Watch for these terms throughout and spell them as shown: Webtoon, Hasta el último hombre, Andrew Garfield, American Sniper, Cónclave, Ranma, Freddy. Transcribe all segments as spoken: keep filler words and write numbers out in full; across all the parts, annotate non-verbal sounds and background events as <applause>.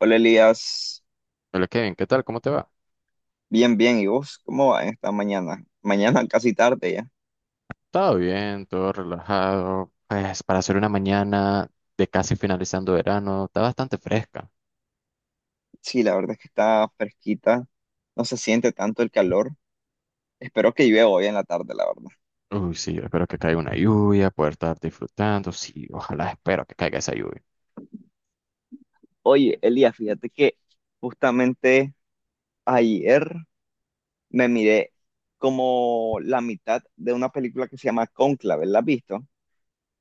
Hola Elías, Hola Kevin, ¿qué tal? ¿Cómo te va? bien, bien. ¿Y vos cómo va esta mañana? Mañana <laughs> casi tarde ya. Todo bien, todo relajado. Pues para hacer una mañana de casi finalizando verano, está bastante fresca. Sí, la verdad es que está fresquita, no se siente tanto el calor. Espero que llueva hoy en la tarde, la verdad. Uy, sí, yo espero que caiga una lluvia, poder estar disfrutando. Sí, ojalá espero que caiga esa lluvia. Oye, Elías, fíjate que justamente ayer me miré como la mitad de una película que se llama Cónclave, ¿la has visto?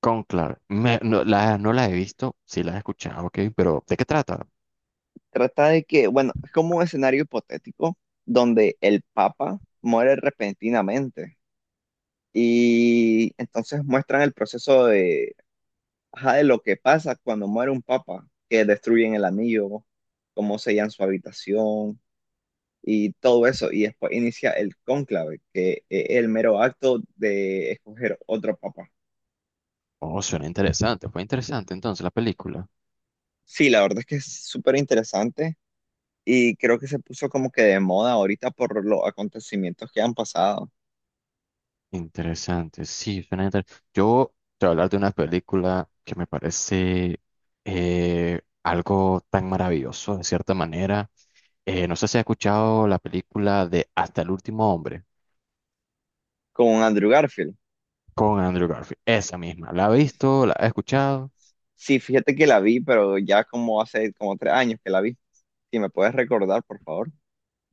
Con claro, no, la, no la he visto, sí la he escuchado, ok, pero ¿de qué trata? Trata de que, bueno, es como un escenario hipotético donde el Papa muere repentinamente. Y entonces muestran el proceso, ajá, de lo que pasa cuando muere un papa, que destruyen el anillo, cómo sellan su habitación y todo eso. Y después inicia el cónclave, que es el mero acto de escoger otro papa. Oh, suena interesante, fue interesante entonces la película. Sí, la verdad es que es súper interesante y creo que se puso como que de moda ahorita por los acontecimientos que han pasado Interesante, sí, suena inter- yo te voy a hablar de una película que me parece eh, algo tan maravilloso, de cierta manera. Eh, no sé si has escuchado la película de Hasta el último hombre con Andrew Garfield. con Andrew Garfield, esa misma. ¿La has visto? ¿La has escuchado? Sí, fíjate que la vi, pero ya como hace como tres años que la vi. Si me puedes recordar, por favor.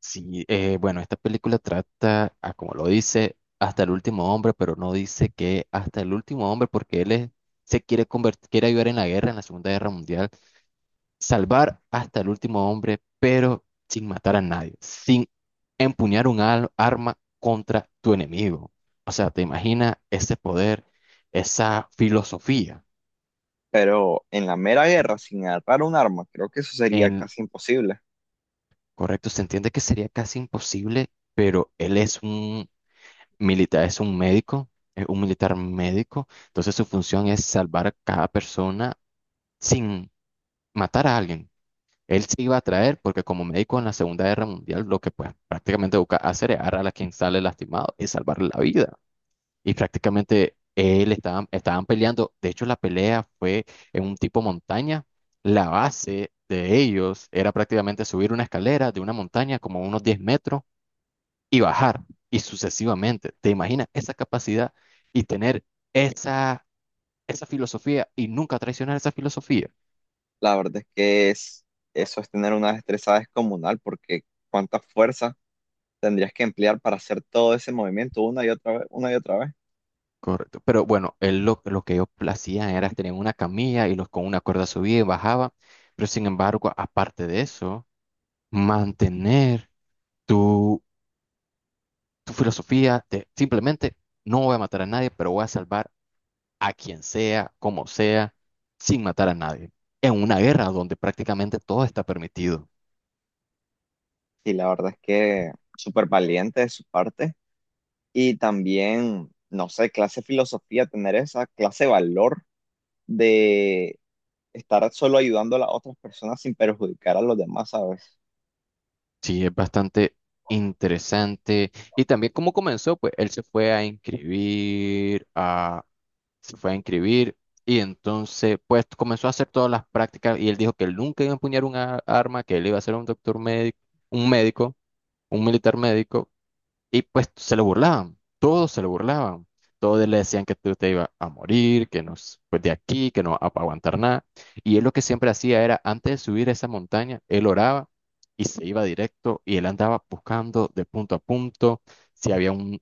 Sí, eh, bueno, esta película trata, a, como lo dice, hasta el último hombre, pero no dice que hasta el último hombre porque él es- se quiere convertir, quiere ayudar en la guerra, en la Segunda Guerra Mundial, salvar hasta el último hombre, pero sin matar a nadie, sin empuñar un al- arma contra tu enemigo. O sea, te imaginas ese poder, esa filosofía. Pero en la mera guerra, sin agarrar un arma, creo que eso sería En casi imposible. correcto, se entiende que sería casi imposible, pero él es un militar, es un médico, es un militar médico, entonces su función es salvar a cada persona sin matar a alguien. Él sí iba a traer, porque como médico en la Segunda Guerra Mundial, lo que pues prácticamente busca hacer es agarrar a quien sale lastimado y salvarle la vida. Y prácticamente él estaban, estaban peleando. De hecho, la pelea fue en un tipo montaña. La base de ellos era prácticamente subir una escalera de una montaña como unos diez metros y bajar, y sucesivamente. ¿Te imaginas esa capacidad y tener esa, esa filosofía y nunca traicionar esa filosofía? La verdad es que es, eso es tener una destreza descomunal, porque cuánta fuerza tendrías que emplear para hacer todo ese movimiento una y otra vez, una y otra vez. Correcto. Pero bueno, él lo, lo que ellos hacían era tener una camilla y los con una cuerda subía y bajaba. Pero sin embargo, aparte de eso, mantener tu, tu filosofía de simplemente no voy a matar a nadie, pero voy a salvar a quien sea, como sea, sin matar a nadie. En una guerra donde prácticamente todo está permitido. Y la verdad es que súper valiente de su parte. Y también, no sé, clase de filosofía, tener esa clase de valor de estar solo ayudando a las otras personas sin perjudicar a los demás, ¿sabes? Sí, es bastante interesante. Y también cómo comenzó, pues él se fue a inscribir se fue a inscribir y entonces pues comenzó a hacer todas las prácticas y él dijo que él nunca iba a empuñar un arma, que él iba a ser un doctor médico, un médico, un militar médico, y pues se lo burlaban, todos se lo burlaban, todos le decían que tú te ibas a morir, que no, s- pues de aquí, que no vas a aguantar nada, y él lo que siempre hacía era antes de subir esa montaña, él oraba y se iba directo y él andaba buscando de punto a punto si había un,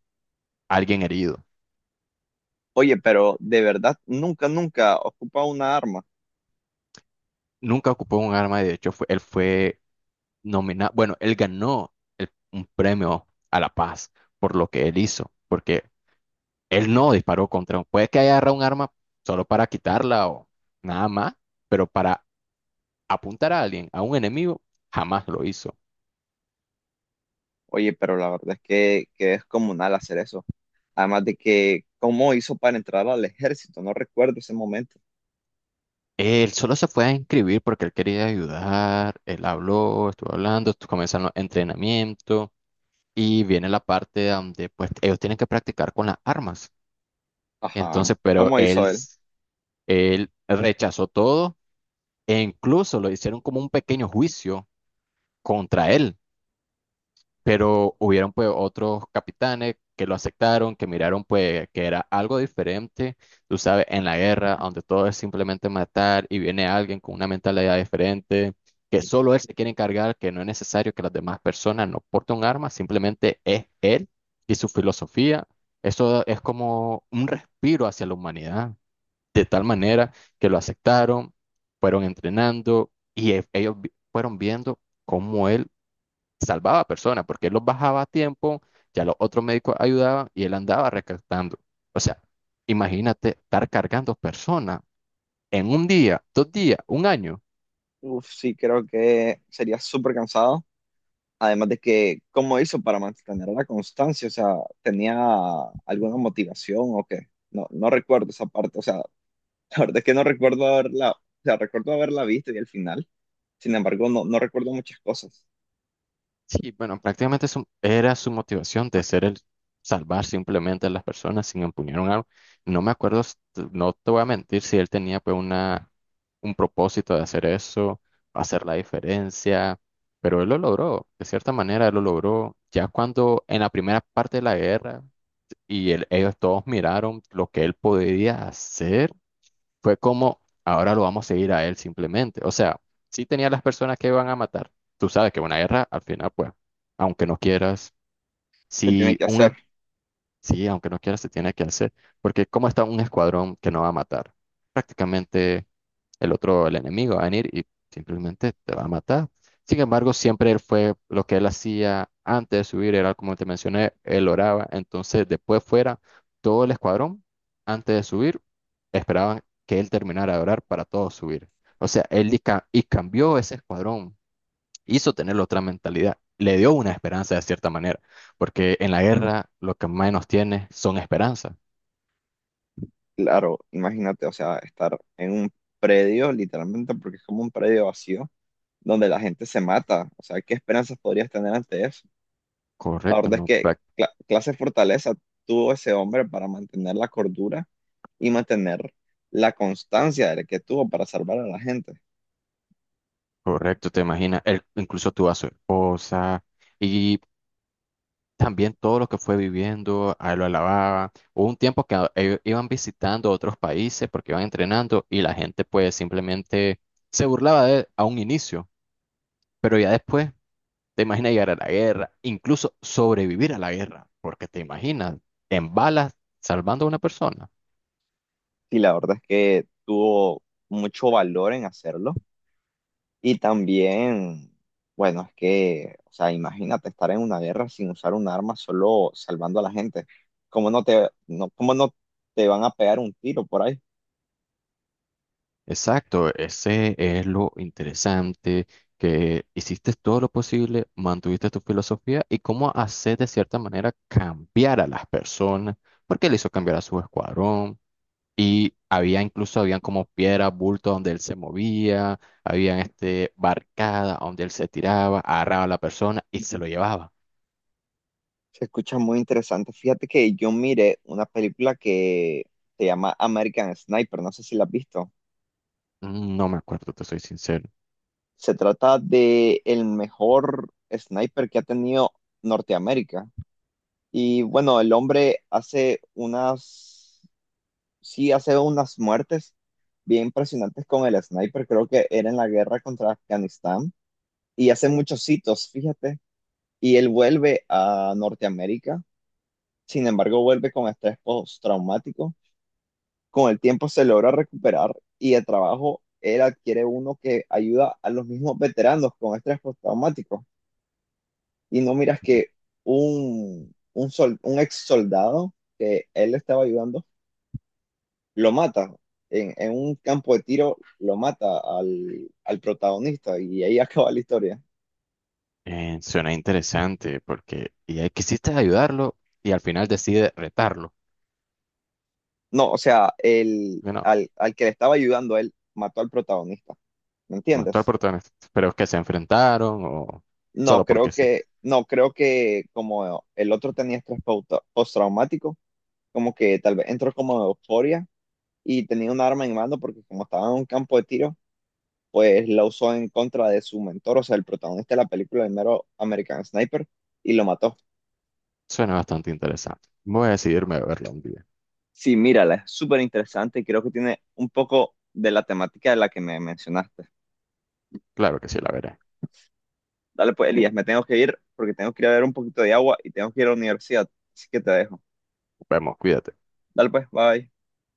alguien herido. Oye, pero de verdad, nunca, nunca ocupa una arma. Nunca ocupó un arma, y de hecho fue, él fue nomina- bueno, él ganó el- un premio a la paz por lo que él hizo, porque él no disparó contra un... Puede que haya agarrado un arma solo para quitarla o nada más, pero para apuntar a alguien, a un enemigo, jamás lo hizo. Oye, pero la verdad es que, que es comunal hacer eso. Además de que, ¿cómo hizo para entrar al ejército? No recuerdo ese momento. Él solo se fue a inscribir porque él quería ayudar, él habló, estuvo hablando, estu- comenzaron los entrenamientos y viene la parte donde pues ellos tienen que practicar con las armas. Ajá. Entonces, pero ¿Cómo hizo él, él? él rechazó todo. E incluso lo hicieron como un pequeño juicio contra él, pero hubieron pues otros capitanes que lo aceptaron, que miraron pues que era algo diferente, tú sabes, en la guerra, donde todo es simplemente matar y viene alguien con una mentalidad diferente, que solo él se quiere encargar, que no es necesario que las demás personas no porten un arma, simplemente es él y su filosofía. Eso es como un respiro hacia la humanidad de tal manera que lo aceptaron, fueron entrenando y e- ellos vi- fueron viendo cómo él salvaba a personas, porque él los bajaba a tiempo, ya los otros médicos ayudaban y él andaba rescatando. O sea, imagínate estar cargando personas en un día, dos días, un año. Uf, sí, creo que sería súper cansado. Además de que, ¿cómo hizo para mantener la constancia? O sea, ¿tenía alguna motivación o qué? No, no recuerdo esa parte. O sea, <laughs> la verdad es que no recuerdo haberla, o sea, recuerdo haberla visto y el final. Sin embargo, no, no recuerdo muchas cosas Sí, bueno, prácticamente su- era su motivación de ser el salvar simplemente a las personas sin empuñar un arma. No me acuerdo, s- t- no te voy a mentir si él tenía pues una, un propósito de hacer eso, hacer la diferencia, pero él lo logró, de cierta manera él lo logró. Ya cuando en la primera parte de la guerra y él- ellos todos miraron lo que él podía hacer, fue como ahora lo vamos a seguir a él simplemente. O sea, sí tenía las personas que iban a matar. Tú sabes que una guerra, al final, pues, aunque no quieras, que tiene si que un, e- hacer. sí, aunque no quieras, se tiene que hacer. Porque ¿cómo está un escuadrón que no va a matar? Prácticamente el otro, el enemigo, va a venir y simplemente te va a matar. Sin embargo, siempre él fue lo que él hacía antes de subir, era como te mencioné, él oraba. Entonces, después fuera todo el escuadrón, antes de subir, esperaban que él terminara de orar para todos subir. O sea, él y, ca- y cambió ese escuadrón, hizo tener otra mentalidad, le dio una esperanza de cierta manera, porque en la guerra lo que menos tiene son esperanzas. Claro, imagínate, o sea, estar en un predio, literalmente, porque es como un predio vacío, donde la gente se mata. O sea, ¿qué esperanzas podrías tener ante eso? La Correcto, verdad es ¿no? que cla- clase de fortaleza tuvo ese hombre para mantener la cordura y mantener la constancia de que tuvo para salvar a la gente. Correcto, te imaginas, él, incluso tuvo a su esposa y también todo lo que fue viviendo, a él lo alababa. Hubo un tiempo que a- ellos iban visitando otros países porque iban entrenando y la gente pues simplemente se burlaba de él a un inicio, pero ya después te imaginas llegar a la guerra, incluso sobrevivir a la guerra, porque te imaginas en balas salvando a una persona. Y la verdad es que tuvo mucho valor en hacerlo. Y también, bueno, es que, o sea, imagínate estar en una guerra sin usar un arma, solo salvando a la gente. ¿Cómo no te, no, cómo no te van a pegar un tiro por ahí? Exacto, ese es lo interesante, que hiciste todo lo posible, mantuviste tu filosofía y cómo hacer de cierta manera cambiar a las personas, porque él hizo cambiar a su escuadrón y había incluso, habían como piedras, bultos donde él se movía, habían este, barcada donde él se tiraba, agarraba a la persona y se lo llevaba. Se escucha muy interesante. Fíjate que yo miré una película que se llama American Sniper, no sé si la has visto. Mm, no me acuerdo, te soy sincero. Se trata de el mejor sniper que ha tenido Norteamérica. Y bueno, el hombre hace unas sí hace unas muertes bien impresionantes con el sniper, creo que era en la guerra contra Afganistán, y hace muchos hitos, fíjate, y él vuelve a Norteamérica, sin embargo vuelve con estrés postraumático. Con el tiempo se logra recuperar y de trabajo él adquiere uno que ayuda a los mismos veteranos con estrés postraumático, y no miras Sí. que un, un, sol, un ex soldado que él estaba ayudando lo mata. En, en un campo de tiro lo mata al, al protagonista y ahí <laughs> acaba la historia. Eh, suena interesante porque y, ahí quisiste ayudarlo y al final decide retarlo. No, o sea, el, al, al que le estaba ayudando a él mató al protagonista. ¿Me Mató al entiendes? protagonista. Pero es que se enfrentaron o No, solo creo porque sí. que, no, creo que como el otro tenía estrés pauta- postraumático, como que tal vez entró como de euforia y tenía un arma en mano porque como estaba en un campo de tiro, pues la usó en contra de su mentor, o sea, el protagonista de la película, el mero American Sniper, y lo mató. Suena bastante interesante. Voy a decidirme a verla un día. Sí, mírala, es súper interesante y creo que tiene un poco de la temática de la que me mencionaste. Claro que sí, la veré. Dale pues, Elías, me tengo que ir porque tengo que ir a ver un poquito de agua y tengo que ir a la universidad, así que te dejo. Vemos, cuídate. Dale pues, bye.